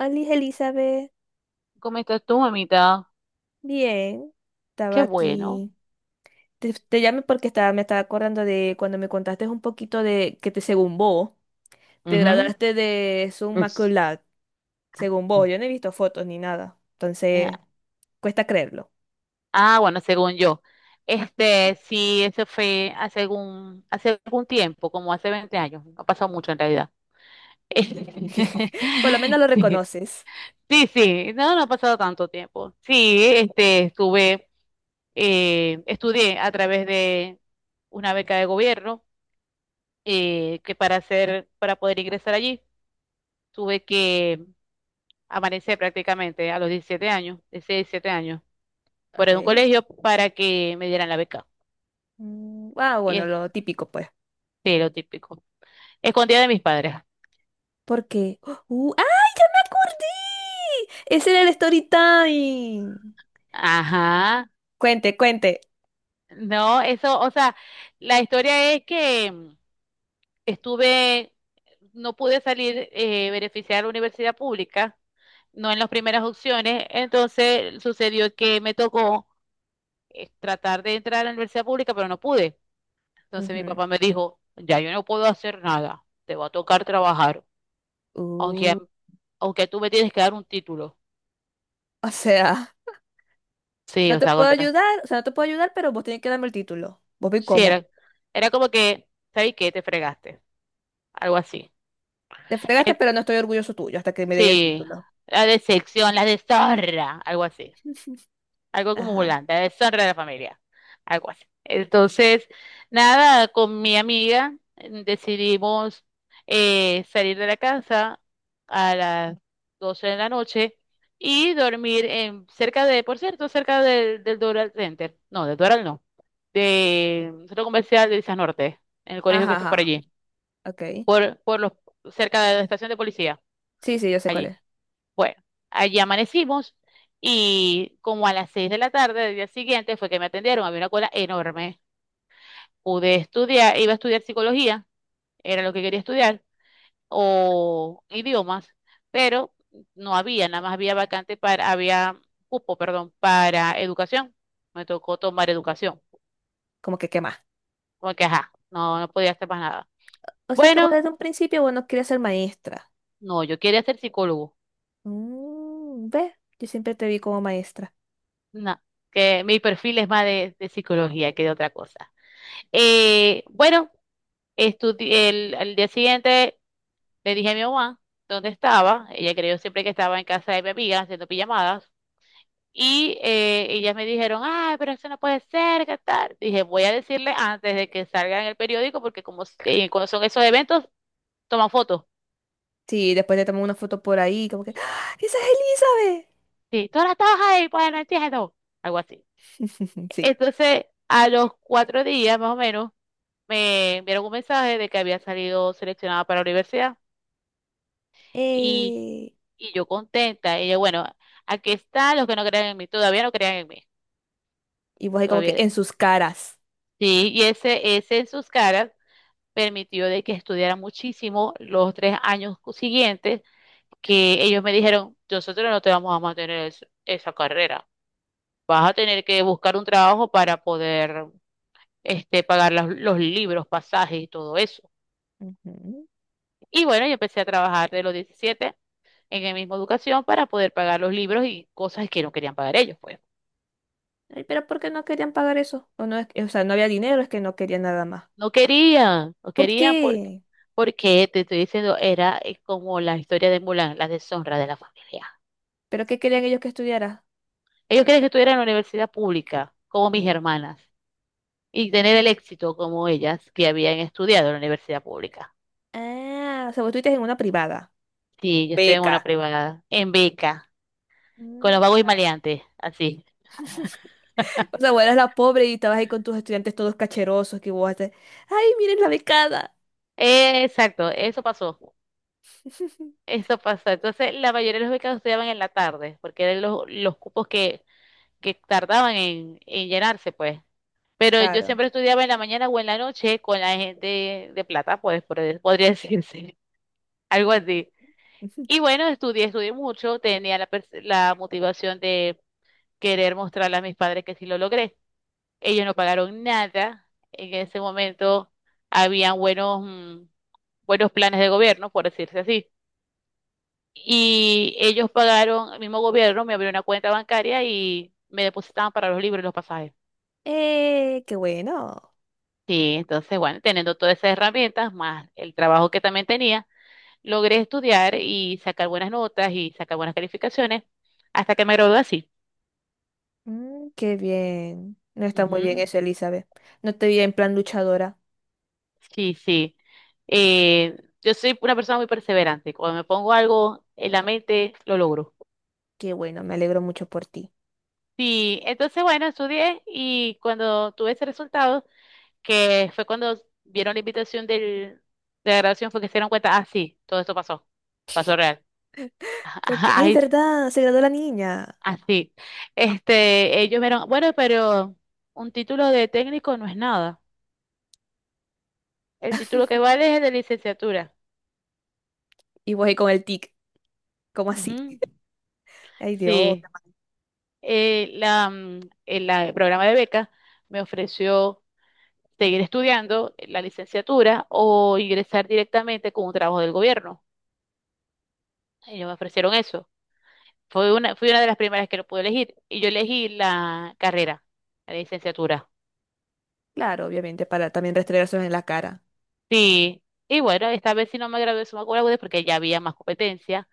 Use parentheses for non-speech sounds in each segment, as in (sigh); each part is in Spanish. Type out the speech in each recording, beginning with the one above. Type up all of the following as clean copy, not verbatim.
Alice Elizabeth, ¿Cómo estás tú, mamita? bien, Qué estaba bueno. aquí. Te llamé porque me estaba acordando de cuando me contaste un poquito de que te, según vos, te Ujú. graduaste de summa cum Es- laude, según vos. Yo no he visto fotos ni nada, Eh, entonces cuesta creerlo. Ah, bueno, según yo. Este, sí, eso fue hace algún tiempo, como hace 20 años. No ha pasado mucho en realidad. (laughs) Por lo menos lo (laughs) reconoces. Sí, sí, sí, no, no ha pasado tanto tiempo. Sí, este, estudié a través de una beca de gobierno, para poder ingresar allí, tuve que amanecer prácticamente a los 17 años, 16, 17 años, Ok. fuera de un colegio para que me dieran la beca. Mm, ah, Y bueno, este, lo típico, pues. lo típico. Escondida de mis padres. Porque. ¡Uh! ¡Ay, ya me acordé! Ese era el story time. Ajá. Cuente, cuente. No, eso, o sea, la historia es que estuve, no pude salir beneficiar a la universidad pública, no en las primeras opciones. Entonces sucedió que me tocó tratar de entrar a la universidad pública, pero no pude. Entonces mi Ujú. papá me dijo, ya yo no puedo hacer nada, te va a tocar trabajar. aunque, Uh, aunque tú me tienes que dar un título. o sea. Sí, No o te sea, puedo contra. ayudar, o sea, no te puedo ayudar, pero vos tenés que darme el título. Vos vi Sí, cómo. era como que, ¿sabes qué? Te fregaste. Algo así. Te fregaste, Eh, pero no estoy orgulloso tuyo hasta que me dé el sí, título. la decepción, la deshonra, algo así. (laughs) Algo como Ajá. volante, la deshonra de la familia. Algo así. Entonces, nada, con mi amiga decidimos salir de la casa a las 12 de la noche y dormir en, cerca de, por cierto, cerca del Doral Center. No, del Doral no. De un centro comercial de Islas Norte, en el colegio que Ajá, está por ajá. allí, Ok. por, por los, cerca de la estación de policía, Sí, sí, yo sé cuál allí. es. Bueno, allí amanecimos y como a las 6 de la tarde del día siguiente fue que me atendieron, había una cola enorme. Pude estudiar, iba a estudiar psicología, era lo que quería estudiar, o idiomas, pero nada más había vacante para, había cupo, perdón, para educación. Me tocó tomar educación, Como que qué más. porque ajá, no podía hacer más nada. O sea que vos Bueno, desde un principio vos no querías ser maestra. no, yo quería ser psicólogo. Mm, ¿ves? Yo siempre te vi como maestra. No, que mi perfil es más de psicología que de otra cosa. Bueno, al día siguiente le dije a mi mamá dónde estaba. Ella creyó siempre que estaba en casa de mi amiga haciendo pijamadas. Y ellas me dijeron, ay, pero eso no puede ser, ¿qué tal? Dije, voy a decirle antes de que salga en el periódico, porque como cuando son esos eventos, toman fotos. Sí, después te tomé una foto por ahí, como que, ¡Ah! ¡Esa es Sí, tú ahora estabas ahí, pues no entiendo. Algo así. Elizabeth! (laughs) Sí. Entonces, a los 4 días más o menos, me enviaron un mensaje de que había salido seleccionada para la universidad y, Eh, y yo contenta. Y yo, bueno, aquí están los que no crean en mí, todavía no crean en mí, Y vos ahí como que en todavía. sus caras. Sí, y ese en sus caras permitió de que estudiara muchísimo los 3 años siguientes, que ellos me dijeron, nosotros no te vamos a mantener esa carrera, vas a tener que buscar un trabajo para poder este, pagar los libros, pasajes y todo eso. Ujú. Y bueno, yo empecé a trabajar de los 17 en el mismo educación para poder pagar los libros y cosas que no querían pagar ellos, pues. Ay, pero ¿por qué no querían pagar eso? O, no es o sea, no había dinero, es que no querían nada más. No querían, no ¿Por querían porque, qué? porque te estoy diciendo, era como la historia de Mulan, la deshonra de la familia. ¿Pero qué querían ellos que estudiara? Ellos querían que estuviera en la universidad pública, como mis hermanas, y tener el éxito como ellas que habían estudiado en la universidad pública. Ah, o sea, vos estuviste en una privada. Sí, yo estoy en una Beca. privada, en beca, con los Mm. vagos y Ah. maleantes, así. (laughs) O sea, vos eras la pobre y estabas ahí con tus estudiantes todos cacherosos que vos haces. ¡Ay, miren la becada! Exacto, eso pasó. (laughs) Eso pasó. Entonces, la mayoría de los becados estudiaban en la tarde, porque eran los cupos que tardaban en llenarse, pues. Pero yo Claro. siempre estudiaba en la mañana o en la noche con la gente de plata, pues, podría decirse, (laughs) algo así. Y (laughs) bueno, estudié mucho, tenía la motivación de querer mostrarle a mis padres que sí lo logré. Ellos no pagaron nada. En ese momento habían buenos planes de gobierno, por decirse así. Y ellos pagaron, el mismo gobierno me abrió una cuenta bancaria y me depositaban para los libros y los pasajes. Qué bueno. Sí, entonces, bueno, teniendo todas esas herramientas, más el trabajo que también tenía, logré estudiar y sacar buenas notas y sacar buenas calificaciones hasta que me gradué así. Mm, qué bien. No está muy bien Ujú, eso, Elizabeth. No te vi en plan luchadora. sí, sí. Eh, yo soy una persona muy perseverante. Cuando me pongo algo en la mente, lo logro. Qué bueno, me alegro mucho por ti. Sí, entonces, bueno, estudié y cuando tuve ese resultado, que fue cuando vieron la invitación del, de la graduación, fue que se dieron cuenta, ah, sí, todo esto pasó, pasó real. (laughs) Como que, ay, ¡Ay! verdad, se graduó la niña. Así. Este, ellos vieron, bueno, pero un título de técnico no es nada. El título que vale es el de licenciatura. Y voy ahí con el tic. ¿Cómo así? Ujú. Ay, Dios. Sí. La, mm, el la- el programa de beca me ofreció seguir estudiando la licenciatura o ingresar directamente con un trabajo del gobierno. Ellos me ofrecieron eso. Fui una de las primeras que lo pude elegir. Y yo elegí la carrera, la licenciatura. Claro, obviamente, para también restregárselos en la cara. Sí. Y bueno, esta vez sí no me gradué de summa cum laude porque ya había más competencia,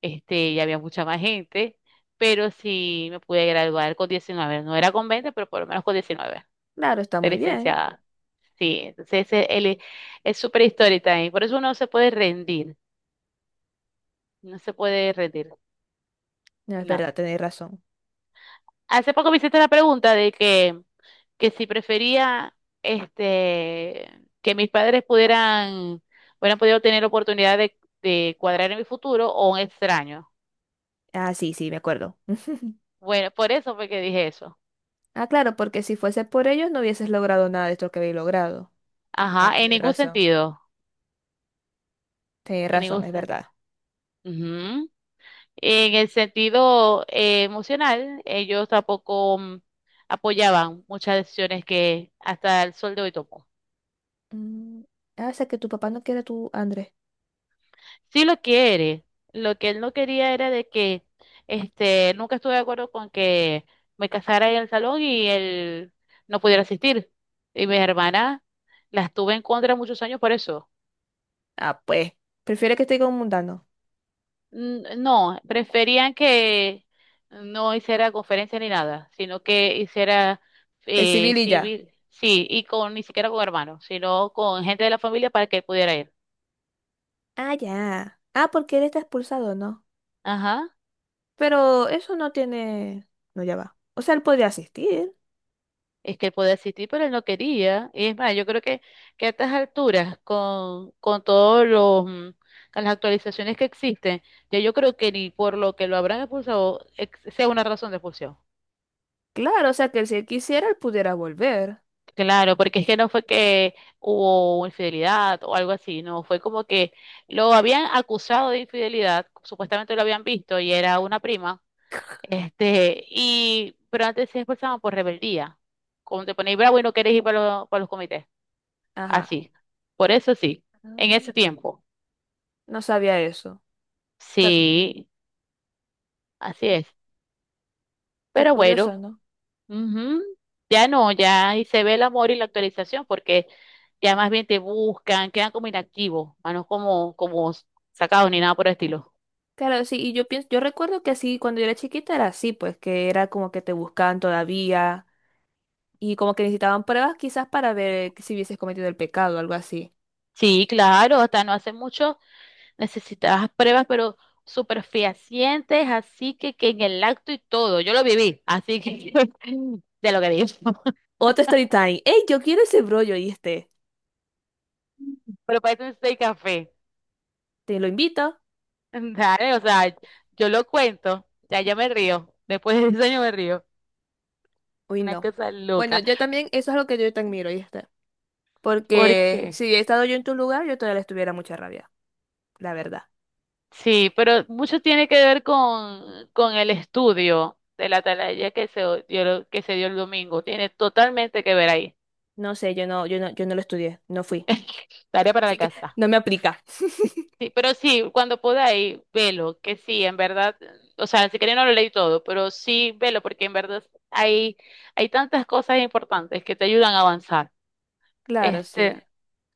este, ya había mucha más gente, pero sí me pude graduar con 19. No era con 20, pero por lo menos con 19. Claro, está De muy bien. licenciada. Sí, entonces él es súper histórica ahí. Por eso uno no se puede rendir, no se puede rendir, No es no. verdad, tenéis razón. Hace poco me hiciste la pregunta de que, si prefería, este, que mis padres pudieran, hubieran podido tener oportunidad de cuadrar en mi futuro o un extraño. Ah, sí, sí, me acuerdo. (laughs) Bueno, por eso fue que dije eso. Ah, claro, porque si fuese por ellos no hubieses logrado nada de esto que habéis logrado. No, Ajá, en tenéis ningún razón. sentido. Tenéis En razón, ningún es sentido. verdad. Ujú. En el sentido emocional, ellos tampoco apoyaban muchas decisiones que hasta el sol de hoy tomó. Mm, ah, o sea que tu papá no quiere a tu Andrés. Sí lo quiere. Lo que él no quería era de que, este, nunca estuve de acuerdo con que me casara en el salón y él no pudiera asistir. Y mis hermanas las tuve en contra muchos años por eso. Ah, pues. Prefiere que esté con un mundano. No, preferían que no hiciera conferencia ni nada, sino que hiciera El civil y ya. civil, sí, y con ni siquiera con hermanos, sino con gente de la familia para que él pudiera ir. Ah, ya. Ah, porque él está expulsado, ¿no? Ajá, Pero eso no tiene... No, ya va. O sea, él podría asistir. es que él podía asistir, pero él no quería. Y es más, yo creo que a estas alturas, con todos con las actualizaciones que existen, ya yo creo que ni por lo que lo habrán expulsado sea una razón de expulsión. Claro, o sea que si él quisiera, él pudiera volver. Claro, porque es que no fue que hubo infidelidad o algo así, no, fue como que lo habían acusado de infidelidad, supuestamente lo habían visto y era una prima, este, y, pero antes se expresaban por rebeldía, como te ponéis bravo y no querés ir para los comités, Ajá. así, por eso sí, en ese Ay. tiempo, No sabía eso. O sea, sí, así es, qué pero curioso, bueno. ¿no? Ujú. Ya no, ya ahí se ve el amor y la actualización porque ya más bien te buscan, quedan como inactivos, más no como sacados ni nada por el estilo. Claro, sí, y yo pienso, yo recuerdo que así cuando yo era chiquita era así, pues que era como que te buscaban todavía y como que necesitaban pruebas quizás para ver que si hubieses cometido el pecado o algo así. Sí, claro, hasta no hace mucho necesitabas pruebas, pero súper fehacientes, así que en el acto y todo, yo lo viví, así que (laughs) de lo que digo. (laughs) Otro story time. ¡Ey, yo quiero ese brollo y este! Pero parece un seis café. Te lo invito. (laughs) Dale, o sea, yo lo cuento, ya me río, después de ese año me río, Uy, una no. cosa Bueno, loca. yo también, eso es lo que yo te admiro, y está. ¿Por Porque qué? si he estado yo en tu lugar, yo todavía les tuviera mucha rabia, la verdad. Sí, pero mucho tiene que ver con el estudio de la atalaya que se dio el domingo. Tiene totalmente que ver ahí. No sé, yo no lo estudié, no fui. (laughs) Tarea para la Así que (laughs) casa. no me aplica. Sí, pero sí, cuando podáis, velo, que sí, en verdad, o sea, si queréis no lo leí todo, pero sí, velo, porque en verdad hay, hay tantas cosas importantes que te ayudan a avanzar. Claro, sí. Este,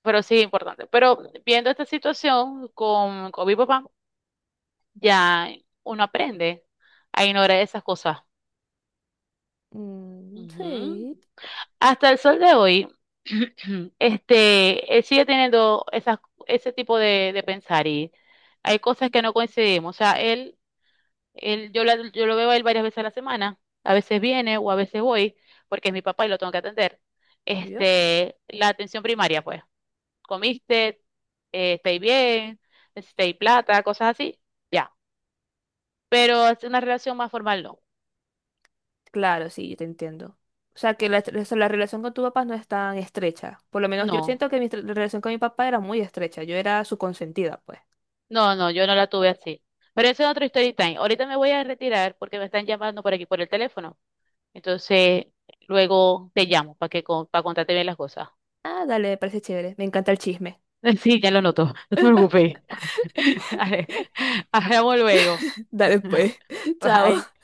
pero sí, importante. Pero viendo esta situación con mi papá, ya uno aprende a ignorar esas cosas. Mm, Ujú. sí, Hasta el sol de hoy, (clears throat) este, él sigue teniendo esas, ese tipo de pensar, y hay cosas que no coincidimos. O sea, él, yo lo veo a él varias veces a la semana. A veces viene o a veces voy porque es mi papá y lo tengo que atender. obvio. Este, la atención primaria, pues. Comiste, estáis bien, necesitáis plata, cosas así, ya. Pero es una relación más formal, no. Claro, sí, yo te entiendo. O sea, que la, o sea, la relación con tu papá no es tan estrecha. Por lo menos yo No. siento que mi relación con mi papá era muy estrecha. Yo era su consentida, pues. No, no, yo no la tuve así. Pero eso es otro story time. Ahorita me voy a retirar porque me están llamando por aquí por el teléfono. Entonces, luego te llamo para contarte bien las cosas. Ah, dale, me parece chévere. Me encanta el chisme. (laughs) Sí, ya lo noto. No te preocupes. (laughs) Dale, hablamos luego. (laughs) Dale, pues. (laughs) (laughs) Bye. Chao.